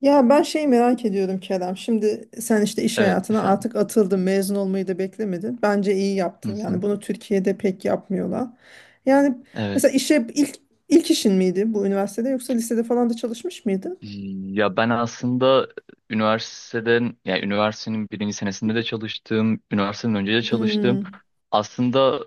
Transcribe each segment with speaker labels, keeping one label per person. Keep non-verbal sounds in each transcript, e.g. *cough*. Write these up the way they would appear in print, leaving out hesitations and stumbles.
Speaker 1: Ya ben şeyi merak ediyorum Kerem. Şimdi sen işte iş
Speaker 2: Evet
Speaker 1: hayatına
Speaker 2: efendim.
Speaker 1: artık atıldın, mezun olmayı da beklemedin. Bence iyi
Speaker 2: Hı
Speaker 1: yaptın. Yani
Speaker 2: hı.
Speaker 1: bunu Türkiye'de pek yapmıyorlar. Yani
Speaker 2: Evet.
Speaker 1: mesela işe ilk işin miydi bu üniversitede yoksa lisede falan da çalışmış mıydın?
Speaker 2: Ya ben aslında üniversiteden, yani üniversitenin birinci senesinde de çalıştım, üniversiteden önce de çalıştım.
Speaker 1: Hmm.
Speaker 2: Aslında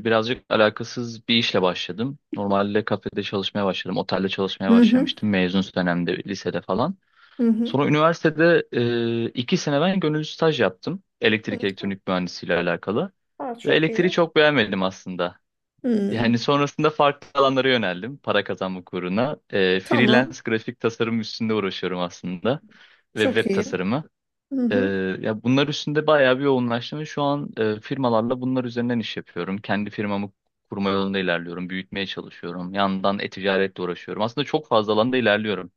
Speaker 2: birazcık alakasız bir işle başladım. Normalde kafede çalışmaya başladım, otelde çalışmaya
Speaker 1: Hı hı.
Speaker 2: başlamıştım mezun dönemde, lisede falan.
Speaker 1: Hı hı.
Speaker 2: Sonra üniversitede 2 sene ben gönüllü staj yaptım. Elektrik
Speaker 1: Hı.
Speaker 2: elektronik mühendisiyle alakalı.
Speaker 1: Aa,
Speaker 2: Ve
Speaker 1: çok
Speaker 2: elektriği
Speaker 1: iyi.
Speaker 2: çok beğenmedim aslında. Yani
Speaker 1: Hmm.
Speaker 2: sonrasında farklı alanlara yöneldim para kazanmak uğruna. Ee,
Speaker 1: Tamam.
Speaker 2: freelance grafik tasarım üstünde uğraşıyorum aslında ve
Speaker 1: Çok
Speaker 2: web
Speaker 1: iyi.
Speaker 2: tasarımı.
Speaker 1: Hı
Speaker 2: Ee,
Speaker 1: hı.
Speaker 2: ya bunlar üstünde bayağı bir yoğunlaştım ve şu an firmalarla bunlar üzerinden iş yapıyorum. Kendi firmamı kurma yolunda ilerliyorum, büyütmeye çalışıyorum. Yandan e-ticaretle uğraşıyorum. Aslında çok fazla alanda ilerliyorum.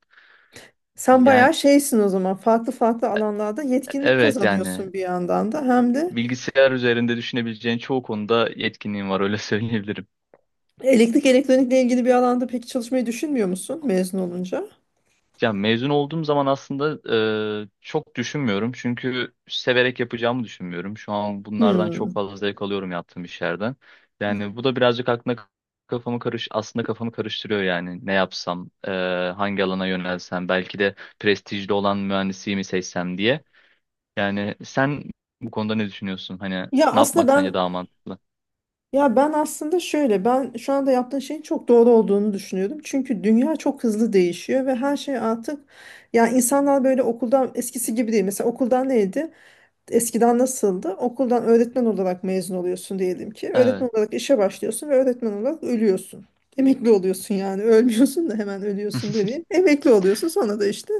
Speaker 1: Sen
Speaker 2: Yani,
Speaker 1: bayağı şeysin o zaman. Farklı farklı alanlarda yetkinlik
Speaker 2: evet, yani
Speaker 1: kazanıyorsun bir yandan da hem de.
Speaker 2: bilgisayar üzerinde düşünebileceğin çoğu konuda yetkinliğim var, öyle *laughs* söyleyebilirim.
Speaker 1: Elektrik elektronikle ilgili bir alanda peki çalışmayı düşünmüyor musun mezun olunca?
Speaker 2: Ya mezun olduğum zaman aslında çok düşünmüyorum. Çünkü severek yapacağımı düşünmüyorum. Şu an bunlardan çok
Speaker 1: Hmm.
Speaker 2: fazla zevk alıyorum yaptığım işlerden. Yani bu da birazcık aklına kafamı karış aslında kafamı karıştırıyor yani. Ne yapsam, hangi alana yönelsem, belki de prestijli olan mühendisliği mi seçsem diye. Yani sen bu konuda ne düşünüyorsun? Hani
Speaker 1: Ya
Speaker 2: ne
Speaker 1: aslında
Speaker 2: yapmak sence
Speaker 1: ben
Speaker 2: daha mantıklı?
Speaker 1: ya ben aslında şöyle ben şu anda yaptığın şeyin çok doğru olduğunu düşünüyordum. Çünkü dünya çok hızlı değişiyor ve her şey artık ya insanlar böyle okuldan eskisi gibi değil. Mesela okuldan neydi? Eskiden nasıldı? Okuldan öğretmen olarak mezun oluyorsun diyelim ki.
Speaker 2: Evet.
Speaker 1: Öğretmen olarak işe başlıyorsun ve öğretmen olarak ölüyorsun. Emekli oluyorsun yani ölmüyorsun da hemen ölüyorsun
Speaker 2: *laughs*
Speaker 1: demeyeyim. Emekli oluyorsun sonra da işte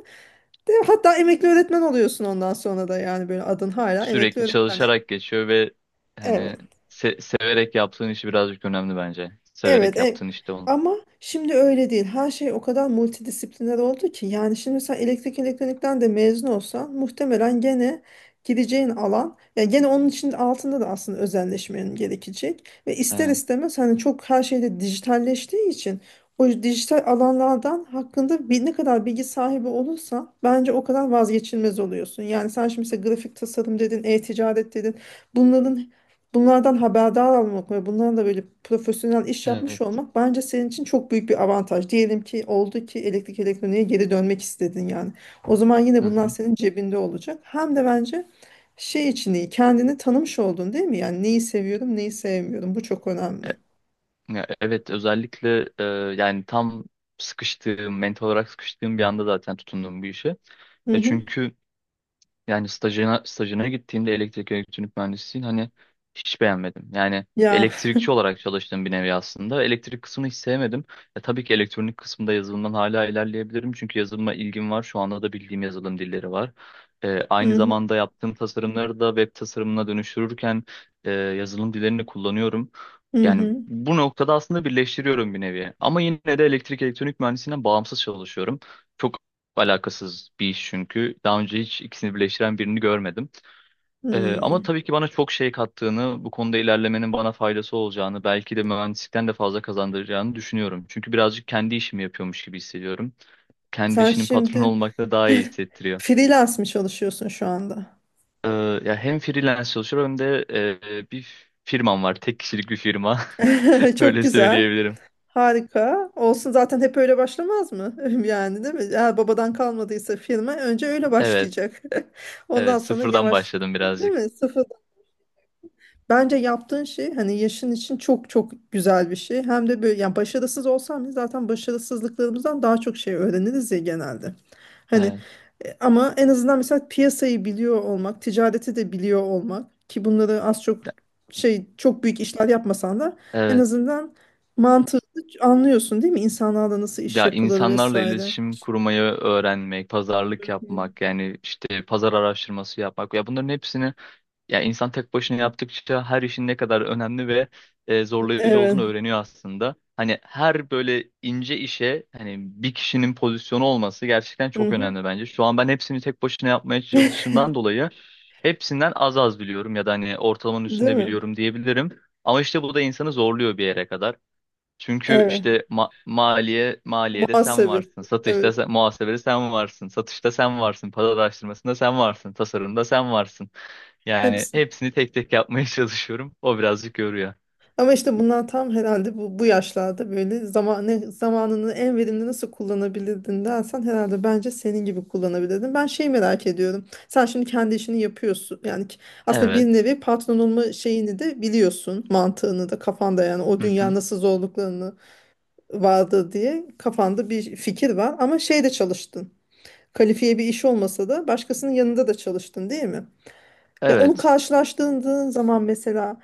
Speaker 1: hatta emekli öğretmen oluyorsun ondan sonra da yani böyle adın hala emekli
Speaker 2: Sürekli
Speaker 1: öğretmen.
Speaker 2: çalışarak geçiyor ve
Speaker 1: Evet.
Speaker 2: hani severek yaptığın işi birazcık önemli bence.
Speaker 1: Evet,
Speaker 2: Severek yaptığın işte onu.
Speaker 1: ama şimdi öyle değil. Her şey o kadar multidisipliner oldu ki yani şimdi sen elektrik elektronikten de mezun olsan muhtemelen gene gideceğin alan yani gene onun için altında da aslında özelleşmen gerekecek ve ister
Speaker 2: Evet,
Speaker 1: istemez hani çok her şeyde dijitalleştiği için o dijital alanlardan hakkında bir, ne kadar bilgi sahibi olursan bence o kadar vazgeçilmez oluyorsun. Yani sen şimdi mesela grafik tasarım dedin, e-ticaret dedin. Bunların Bunlardan haberdar olmak ve bunlarla da böyle profesyonel iş yapmış
Speaker 2: evet.
Speaker 1: olmak bence senin için çok büyük bir avantaj. Diyelim ki oldu ki elektrik elektroniğe geri dönmek istedin yani. O zaman yine
Speaker 2: Hı
Speaker 1: bunlar
Speaker 2: hı.
Speaker 1: senin cebinde olacak. Hem de bence şey için iyi kendini tanımış oldun değil mi? Yani neyi seviyorum neyi sevmiyorum bu çok önemli.
Speaker 2: E- ya evet, özellikle yani tam sıkıştığım, mental olarak sıkıştığım bir anda zaten tutundum bu işe.
Speaker 1: Hı
Speaker 2: E
Speaker 1: hı.
Speaker 2: çünkü Yani stajına gittiğimde elektrik elektronik mühendisliğini hani hiç beğenmedim. Yani
Speaker 1: Ya
Speaker 2: elektrikçi olarak çalıştığım bir nevi aslında. Elektrik kısmını hiç sevmedim. Tabii ki elektronik kısmında yazılımdan hala ilerleyebilirim. Çünkü yazılıma ilgim var. Şu anda da bildiğim yazılım dilleri var. E,
Speaker 1: hı
Speaker 2: aynı
Speaker 1: hı.
Speaker 2: zamanda yaptığım tasarımları da web tasarımına dönüştürürken yazılım dillerini kullanıyorum.
Speaker 1: Hı
Speaker 2: Yani
Speaker 1: hı.
Speaker 2: bu noktada aslında birleştiriyorum bir nevi. Ama yine de elektrik elektronik mühendisliğinden bağımsız çalışıyorum. Çok alakasız bir iş çünkü. Daha önce hiç ikisini birleştiren birini görmedim. Ama
Speaker 1: Hı.
Speaker 2: tabii ki bana çok şey kattığını, bu konuda ilerlemenin bana faydası olacağını, belki de mühendislikten de fazla kazandıracağını düşünüyorum. Çünkü birazcık kendi işimi yapıyormuş gibi hissediyorum. Kendi
Speaker 1: Sen
Speaker 2: işinin patronu
Speaker 1: şimdi
Speaker 2: olmak da daha iyi hissettiriyor.
Speaker 1: freelance mi çalışıyorsun şu anda?
Speaker 2: Ee, ya hem freelance çalışıyorum hem de bir firmam var. Tek kişilik bir firma.
Speaker 1: *laughs*
Speaker 2: *laughs*
Speaker 1: Çok
Speaker 2: Öyle
Speaker 1: güzel.
Speaker 2: söyleyebilirim.
Speaker 1: Harika. Olsun zaten hep öyle başlamaz mı? *laughs* Yani değil mi? Eğer babadan kalmadıysa firma önce öyle
Speaker 2: Evet,
Speaker 1: başlayacak. *laughs* Ondan
Speaker 2: evet,
Speaker 1: sonra
Speaker 2: sıfırdan
Speaker 1: yavaş,
Speaker 2: başladım
Speaker 1: değil
Speaker 2: birazcık.
Speaker 1: mi? Bence yaptığın şey hani yaşın için çok çok güzel bir şey. Hem de böyle yani başarısız olsam biz zaten başarısızlıklarımızdan daha çok şey öğreniriz ya genelde. Hani
Speaker 2: Evet,
Speaker 1: ama en azından mesela piyasayı biliyor olmak, ticareti de biliyor olmak ki bunları az çok şey çok büyük işler yapmasan da en
Speaker 2: evet.
Speaker 1: azından mantığı anlıyorsun değil mi? İnsanlarla nasıl iş
Speaker 2: Ya
Speaker 1: yapılır
Speaker 2: insanlarla
Speaker 1: vesaire.
Speaker 2: iletişim kurmayı öğrenmek,
Speaker 1: Hı
Speaker 2: pazarlık
Speaker 1: hı.
Speaker 2: yapmak, yani işte pazar araştırması yapmak. Ya bunların hepsini, ya insan tek başına yaptıkça her işin ne kadar önemli ve zorlayıcı
Speaker 1: Evet.
Speaker 2: olduğunu öğreniyor aslında. Hani her böyle ince işe, hani bir kişinin pozisyonu olması gerçekten
Speaker 1: Hı
Speaker 2: çok
Speaker 1: hı.
Speaker 2: önemli bence. Şu an ben hepsini tek başına yapmaya çalıştığımdan
Speaker 1: *laughs*
Speaker 2: dolayı hepsinden az az biliyorum, ya da hani ortalamanın
Speaker 1: Değil
Speaker 2: üstünde
Speaker 1: mi?
Speaker 2: biliyorum diyebilirim. Ama işte bu da insanı zorluyor bir yere kadar. Çünkü
Speaker 1: Evet.
Speaker 2: işte ma maliye maliyede sen
Speaker 1: Muhasebe.
Speaker 2: varsın, satışta
Speaker 1: Evet.
Speaker 2: sen, muhasebede sen varsın, satışta sen varsın, pazar araştırmasında sen varsın, tasarımda sen varsın. Yani
Speaker 1: Hepsi.
Speaker 2: hepsini tek tek yapmaya *laughs* çalışıyorum. O birazcık yoruyor.
Speaker 1: Ama işte bunlar tam herhalde bu yaşlarda böyle zamanını en verimli nasıl kullanabilirdin dersen herhalde bence senin gibi kullanabilirdin. Ben şey merak ediyorum. Sen şimdi kendi işini yapıyorsun. Yani aslında bir
Speaker 2: Evet.
Speaker 1: nevi patron olma şeyini de biliyorsun. Mantığını da kafanda yani o
Speaker 2: Hı
Speaker 1: dünya
Speaker 2: hı.
Speaker 1: nasıl zorluklarını vardı diye kafanda bir fikir var. Ama şeyde çalıştın. Kalifiye bir iş olmasa da başkasının yanında da çalıştın değil mi? Ya onu
Speaker 2: Evet.
Speaker 1: karşılaştığın zaman mesela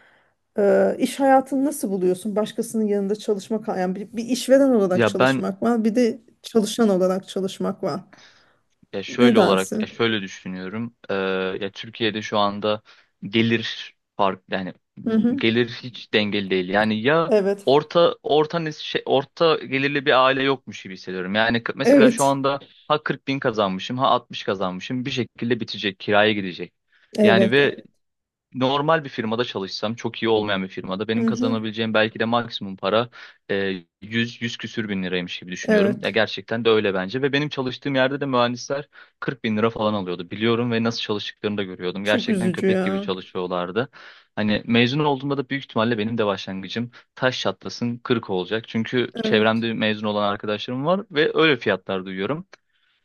Speaker 1: iş hayatını nasıl buluyorsun? Başkasının yanında çalışmak, yani bir işveren olarak
Speaker 2: Ya ben
Speaker 1: çalışmak var, bir de çalışan olarak çalışmak var.
Speaker 2: ya
Speaker 1: Ne
Speaker 2: şöyle olarak ya
Speaker 1: dersin?
Speaker 2: şöyle düşünüyorum. Ya Türkiye'de şu anda gelir fark yani
Speaker 1: Hı hı.
Speaker 2: gelir hiç dengeli değil. Yani ya
Speaker 1: Evet.
Speaker 2: orta gelirli bir aile yokmuş gibi hissediyorum. Yani mesela şu
Speaker 1: Evet.
Speaker 2: anda ha 40 bin kazanmışım ha 60 kazanmışım, bir şekilde bitecek kiraya gidecek. Yani
Speaker 1: Evet.
Speaker 2: ve
Speaker 1: Evet.
Speaker 2: normal bir firmada çalışsam, çok iyi olmayan bir firmada benim
Speaker 1: Hı hı.
Speaker 2: kazanabileceğim belki de maksimum para 100 küsür bin liraymış gibi düşünüyorum. Ya
Speaker 1: Evet.
Speaker 2: gerçekten de öyle bence ve benim çalıştığım yerde de mühendisler 40 bin lira falan alıyordu. Biliyorum ve nasıl çalıştıklarını da görüyordum.
Speaker 1: Çok
Speaker 2: Gerçekten
Speaker 1: üzücü
Speaker 2: köpek gibi
Speaker 1: ya.
Speaker 2: çalışıyorlardı. Hani mezun olduğumda da büyük ihtimalle benim de başlangıcım taş çatlasın 40 olacak. Çünkü
Speaker 1: Evet.
Speaker 2: çevremde mezun olan arkadaşlarım var ve öyle fiyatlar duyuyorum.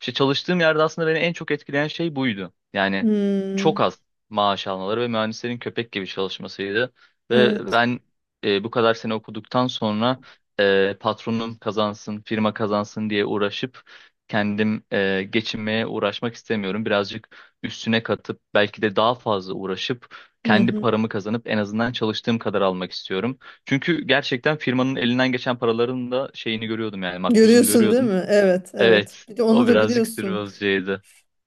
Speaker 2: İşte çalıştığım yerde aslında beni en çok etkileyen şey buydu. Yani
Speaker 1: Hmm.
Speaker 2: çok az maaş almaları ve mühendislerin köpek gibi çalışmasıydı. Ve
Speaker 1: Evet.
Speaker 2: ben bu kadar sene okuduktan sonra patronum kazansın, firma kazansın diye uğraşıp kendim geçinmeye uğraşmak istemiyorum. Birazcık üstüne katıp belki de daha fazla uğraşıp
Speaker 1: Hı
Speaker 2: kendi
Speaker 1: hı.
Speaker 2: paramı kazanıp en azından çalıştığım kadar almak istiyorum. Çünkü gerçekten firmanın elinden geçen paraların da şeyini görüyordum, yani makbuzunu
Speaker 1: Görüyorsun değil
Speaker 2: görüyordum.
Speaker 1: mi? Evet, evet.
Speaker 2: Evet,
Speaker 1: Bir de onu
Speaker 2: o
Speaker 1: da
Speaker 2: birazcık sırrı...
Speaker 1: biliyorsun.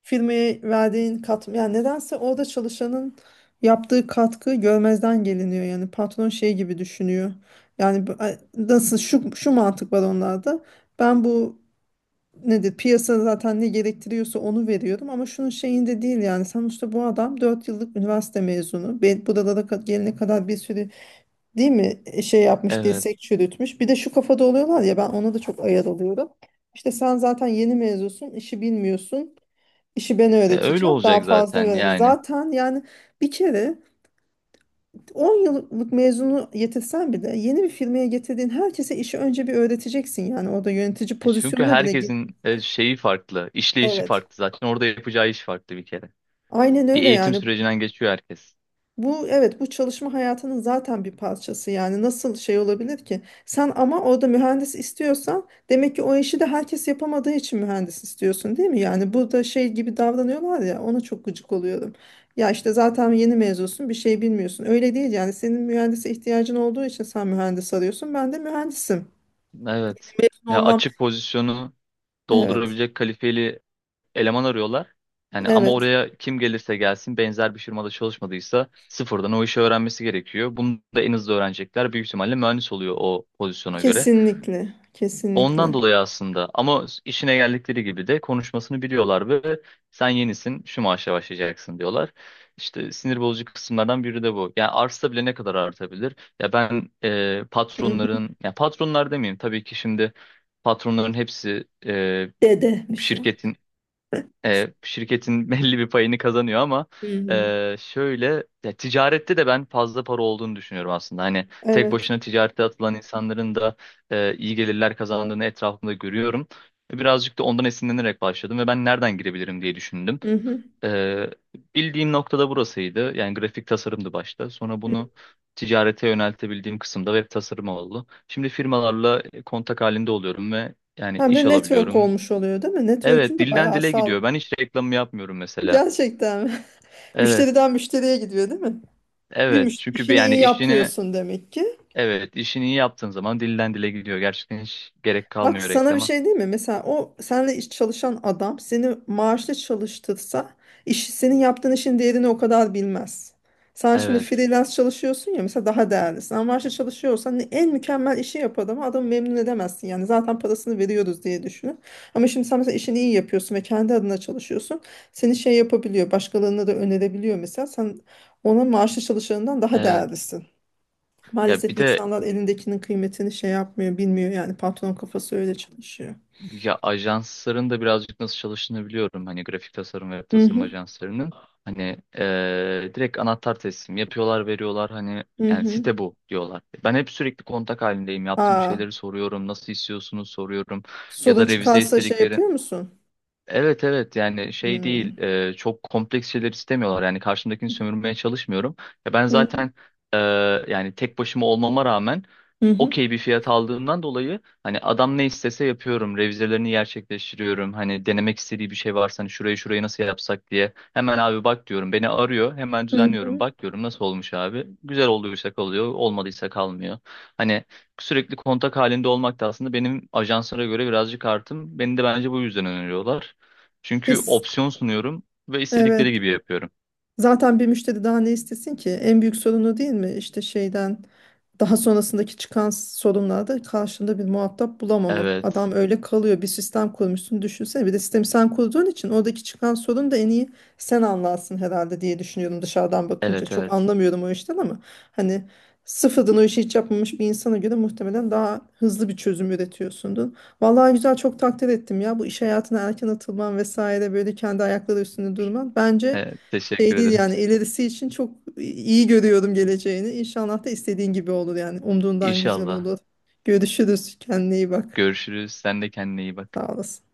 Speaker 1: Firmaya verdiğin katma yani nedense orada çalışanın yaptığı katkı görmezden geliniyor, yani patron şey gibi düşünüyor yani ay, nasıl şu mantık var onlarda, ben bu nedir, piyasa zaten ne gerektiriyorsa onu veriyorum ama şunun şeyinde değil. Yani sonuçta bu adam 4 yıllık üniversite mezunu, ben buralara gelene kadar bir sürü değil mi şey yapmış
Speaker 2: Evet.
Speaker 1: dirsek çürütmüş. Bir de şu kafada oluyorlar ya, ben ona da çok ayar oluyorum. İşte sen zaten yeni mezunsun, işi bilmiyorsun. İşi ben
Speaker 2: Öyle
Speaker 1: öğreteceğim. Daha
Speaker 2: olacak
Speaker 1: fazla
Speaker 2: zaten
Speaker 1: öğren.
Speaker 2: yani.
Speaker 1: Zaten yani bir kere 10 yıllık mezunu yetirsen bile yeni bir firmaya getirdiğin herkese işi önce bir öğreteceksin. Yani orada yönetici
Speaker 2: Çünkü
Speaker 1: pozisyonuna bile gir.
Speaker 2: herkesin şeyi farklı, işleyişi
Speaker 1: Evet.
Speaker 2: farklı zaten. Orada yapacağı iş farklı bir kere.
Speaker 1: Aynen
Speaker 2: Bir
Speaker 1: öyle
Speaker 2: eğitim
Speaker 1: yani.
Speaker 2: sürecinden geçiyor herkes.
Speaker 1: Bu evet bu çalışma hayatının zaten bir parçası yani nasıl şey olabilir ki? Sen ama orada mühendis istiyorsan demek ki o işi de herkes yapamadığı için mühendis istiyorsun değil mi? Yani burada şey gibi davranıyorlar ya ona çok gıcık oluyorum. Ya işte zaten yeni mezunsun bir şey bilmiyorsun. Öyle değil yani senin mühendise ihtiyacın olduğu için sen mühendis arıyorsun ben de mühendisim.
Speaker 2: Evet.
Speaker 1: Mezun
Speaker 2: Ya
Speaker 1: olmam.
Speaker 2: açık pozisyonu
Speaker 1: Evet,
Speaker 2: doldurabilecek kalifeli eleman arıyorlar. Yani ama
Speaker 1: evet,
Speaker 2: oraya kim gelirse gelsin, benzer bir firmada çalışmadıysa sıfırdan o işi öğrenmesi gerekiyor. Bunu da en hızlı öğrenecekler. Büyük ihtimalle mühendis oluyor o pozisyona göre.
Speaker 1: kesinlikle,
Speaker 2: Ondan
Speaker 1: kesinlikle.
Speaker 2: dolayı aslında, ama işine geldikleri gibi de konuşmasını biliyorlar ve sen yenisin şu maaşa başlayacaksın diyorlar. İşte sinir bozucu kısımlardan biri de bu. Yani artsa bile ne kadar artabilir? Ya ben
Speaker 1: Hı hı.
Speaker 2: patronların, ya patronlar demeyeyim tabii ki şimdi, patronların hepsi
Speaker 1: Dedemiş o.
Speaker 2: şirketin şirketin *laughs* belli bir payını kazanıyor, ama
Speaker 1: Hı hı.
Speaker 2: şöyle, ya, ticarette de ben fazla para olduğunu düşünüyorum aslında. Hani tek
Speaker 1: Evet.
Speaker 2: başına ticarete atılan insanların da iyi gelirler kazandığını etrafımda görüyorum. Birazcık da ondan esinlenerek başladım ve ben nereden girebilirim diye düşündüm.
Speaker 1: Hı hı.
Speaker 2: E, bildiğim noktada burasıydı. Yani grafik tasarımdı başta. Sonra bunu ticarete yöneltebildiğim kısımda web tasarımı oldu. Şimdi firmalarla kontak halinde oluyorum ve yani
Speaker 1: Hem
Speaker 2: iş
Speaker 1: de network
Speaker 2: alabiliyorum.
Speaker 1: olmuş oluyor değil mi?
Speaker 2: Evet,
Speaker 1: Network'ün de
Speaker 2: dilden
Speaker 1: bayağı
Speaker 2: dile
Speaker 1: sağlam.
Speaker 2: gidiyor. Ben hiç reklamı yapmıyorum mesela.
Speaker 1: Gerçekten mi? *laughs*
Speaker 2: Evet,
Speaker 1: Müşteriden müşteriye gidiyor değil mi? Bir
Speaker 2: evet.
Speaker 1: müşteri
Speaker 2: Çünkü
Speaker 1: işini
Speaker 2: yani
Speaker 1: iyi
Speaker 2: işini,
Speaker 1: yapıyorsun demek ki.
Speaker 2: evet, işini iyi yaptığın zaman dilden dile gidiyor. Gerçekten hiç gerek
Speaker 1: Bak
Speaker 2: kalmıyor
Speaker 1: sana bir
Speaker 2: reklama.
Speaker 1: şey değil mi? Mesela o seninle iş çalışan adam seni maaşlı çalıştırsa senin yaptığın işin değerini o kadar bilmez. Sen şimdi
Speaker 2: Evet,
Speaker 1: freelance çalışıyorsun ya mesela daha değerlisin. Ama maaşlı çalışıyorsan en mükemmel işi yapar ama adamı memnun edemezsin. Yani zaten parasını veriyoruz diye düşünün. Ama şimdi sen mesela işini iyi yapıyorsun ve kendi adına çalışıyorsun. Seni şey yapabiliyor, başkalarına da önerebiliyor mesela. Sen ona maaşlı çalışanından daha
Speaker 2: evet.
Speaker 1: değerlisin.
Speaker 2: Ya
Speaker 1: Maalesef
Speaker 2: bir de,
Speaker 1: insanlar elindekinin kıymetini şey yapmıyor, bilmiyor yani patron kafası öyle çalışıyor.
Speaker 2: ya ajansların da birazcık nasıl çalıştığını biliyorum. Hani grafik tasarım ve
Speaker 1: Hı
Speaker 2: tasarım
Speaker 1: hı,
Speaker 2: ajanslarının. Hani direkt anahtar teslim yapıyorlar, veriyorlar. Hani,
Speaker 1: hı
Speaker 2: yani,
Speaker 1: hı.
Speaker 2: site bu diyorlar. Ben hep sürekli kontak halindeyim. Yaptığım
Speaker 1: Aa,
Speaker 2: şeyleri soruyorum. Nasıl istiyorsunuz soruyorum. Ya
Speaker 1: sorun
Speaker 2: da revize
Speaker 1: çıkarsa şey
Speaker 2: istediklerini...
Speaker 1: yapıyor musun?
Speaker 2: Evet, evet. Yani, şey
Speaker 1: Hı
Speaker 2: değil, çok kompleks şeyler istemiyorlar. Yani karşımdakini sömürmeye çalışmıyorum. Ya ben
Speaker 1: hı,
Speaker 2: zaten e, yani tek başıma olmama rağmen
Speaker 1: hı hı,
Speaker 2: okey bir fiyat aldığımdan dolayı hani adam ne istese yapıyorum, revizelerini gerçekleştiriyorum. Hani denemek istediği bir şey varsa, hani şurayı şurayı nasıl yapsak diye, hemen abi bak diyorum, beni arıyor, hemen
Speaker 1: hı
Speaker 2: düzenliyorum,
Speaker 1: hı.
Speaker 2: bak diyorum nasıl olmuş abi, güzel olduysa kalıyor, olmadıysa kalmıyor. Hani sürekli kontak halinde olmak da aslında benim ajanslara göre birazcık artım. Beni de bence bu yüzden öneriyorlar. Çünkü
Speaker 1: His,
Speaker 2: opsiyon sunuyorum ve
Speaker 1: evet.
Speaker 2: istedikleri gibi yapıyorum.
Speaker 1: Zaten bir müşteri daha ne istesin ki? En büyük sorunu değil mi? İşte şeyden daha sonrasındaki çıkan sorunlarda karşında bir muhatap bulamamak.
Speaker 2: Evet,
Speaker 1: Adam öyle kalıyor. Bir sistem kurmuşsun düşünsene. Bir de sistemi sen kurduğun için oradaki çıkan sorun da en iyi sen anlarsın herhalde diye düşünüyorum dışarıdan bakınca.
Speaker 2: evet,
Speaker 1: Çok
Speaker 2: evet.
Speaker 1: anlamıyorum o işten ama hani sıfırdan o işi hiç yapmamış bir insana göre muhtemelen daha hızlı bir çözüm üretiyorsundur. Vallahi güzel çok takdir ettim ya bu iş hayatına erken atılman vesaire böyle kendi ayakları üstünde durman. Bence
Speaker 2: Evet, teşekkür
Speaker 1: şey değil
Speaker 2: ederim.
Speaker 1: yani ilerisi için çok iyi görüyorum geleceğini. İnşallah da istediğin gibi olur yani. Umduğundan güzel
Speaker 2: İnşallah.
Speaker 1: olur. Görüşürüz. Kendine iyi bak.
Speaker 2: Görüşürüz. Sen de kendine iyi bak.
Speaker 1: Sağ olasın.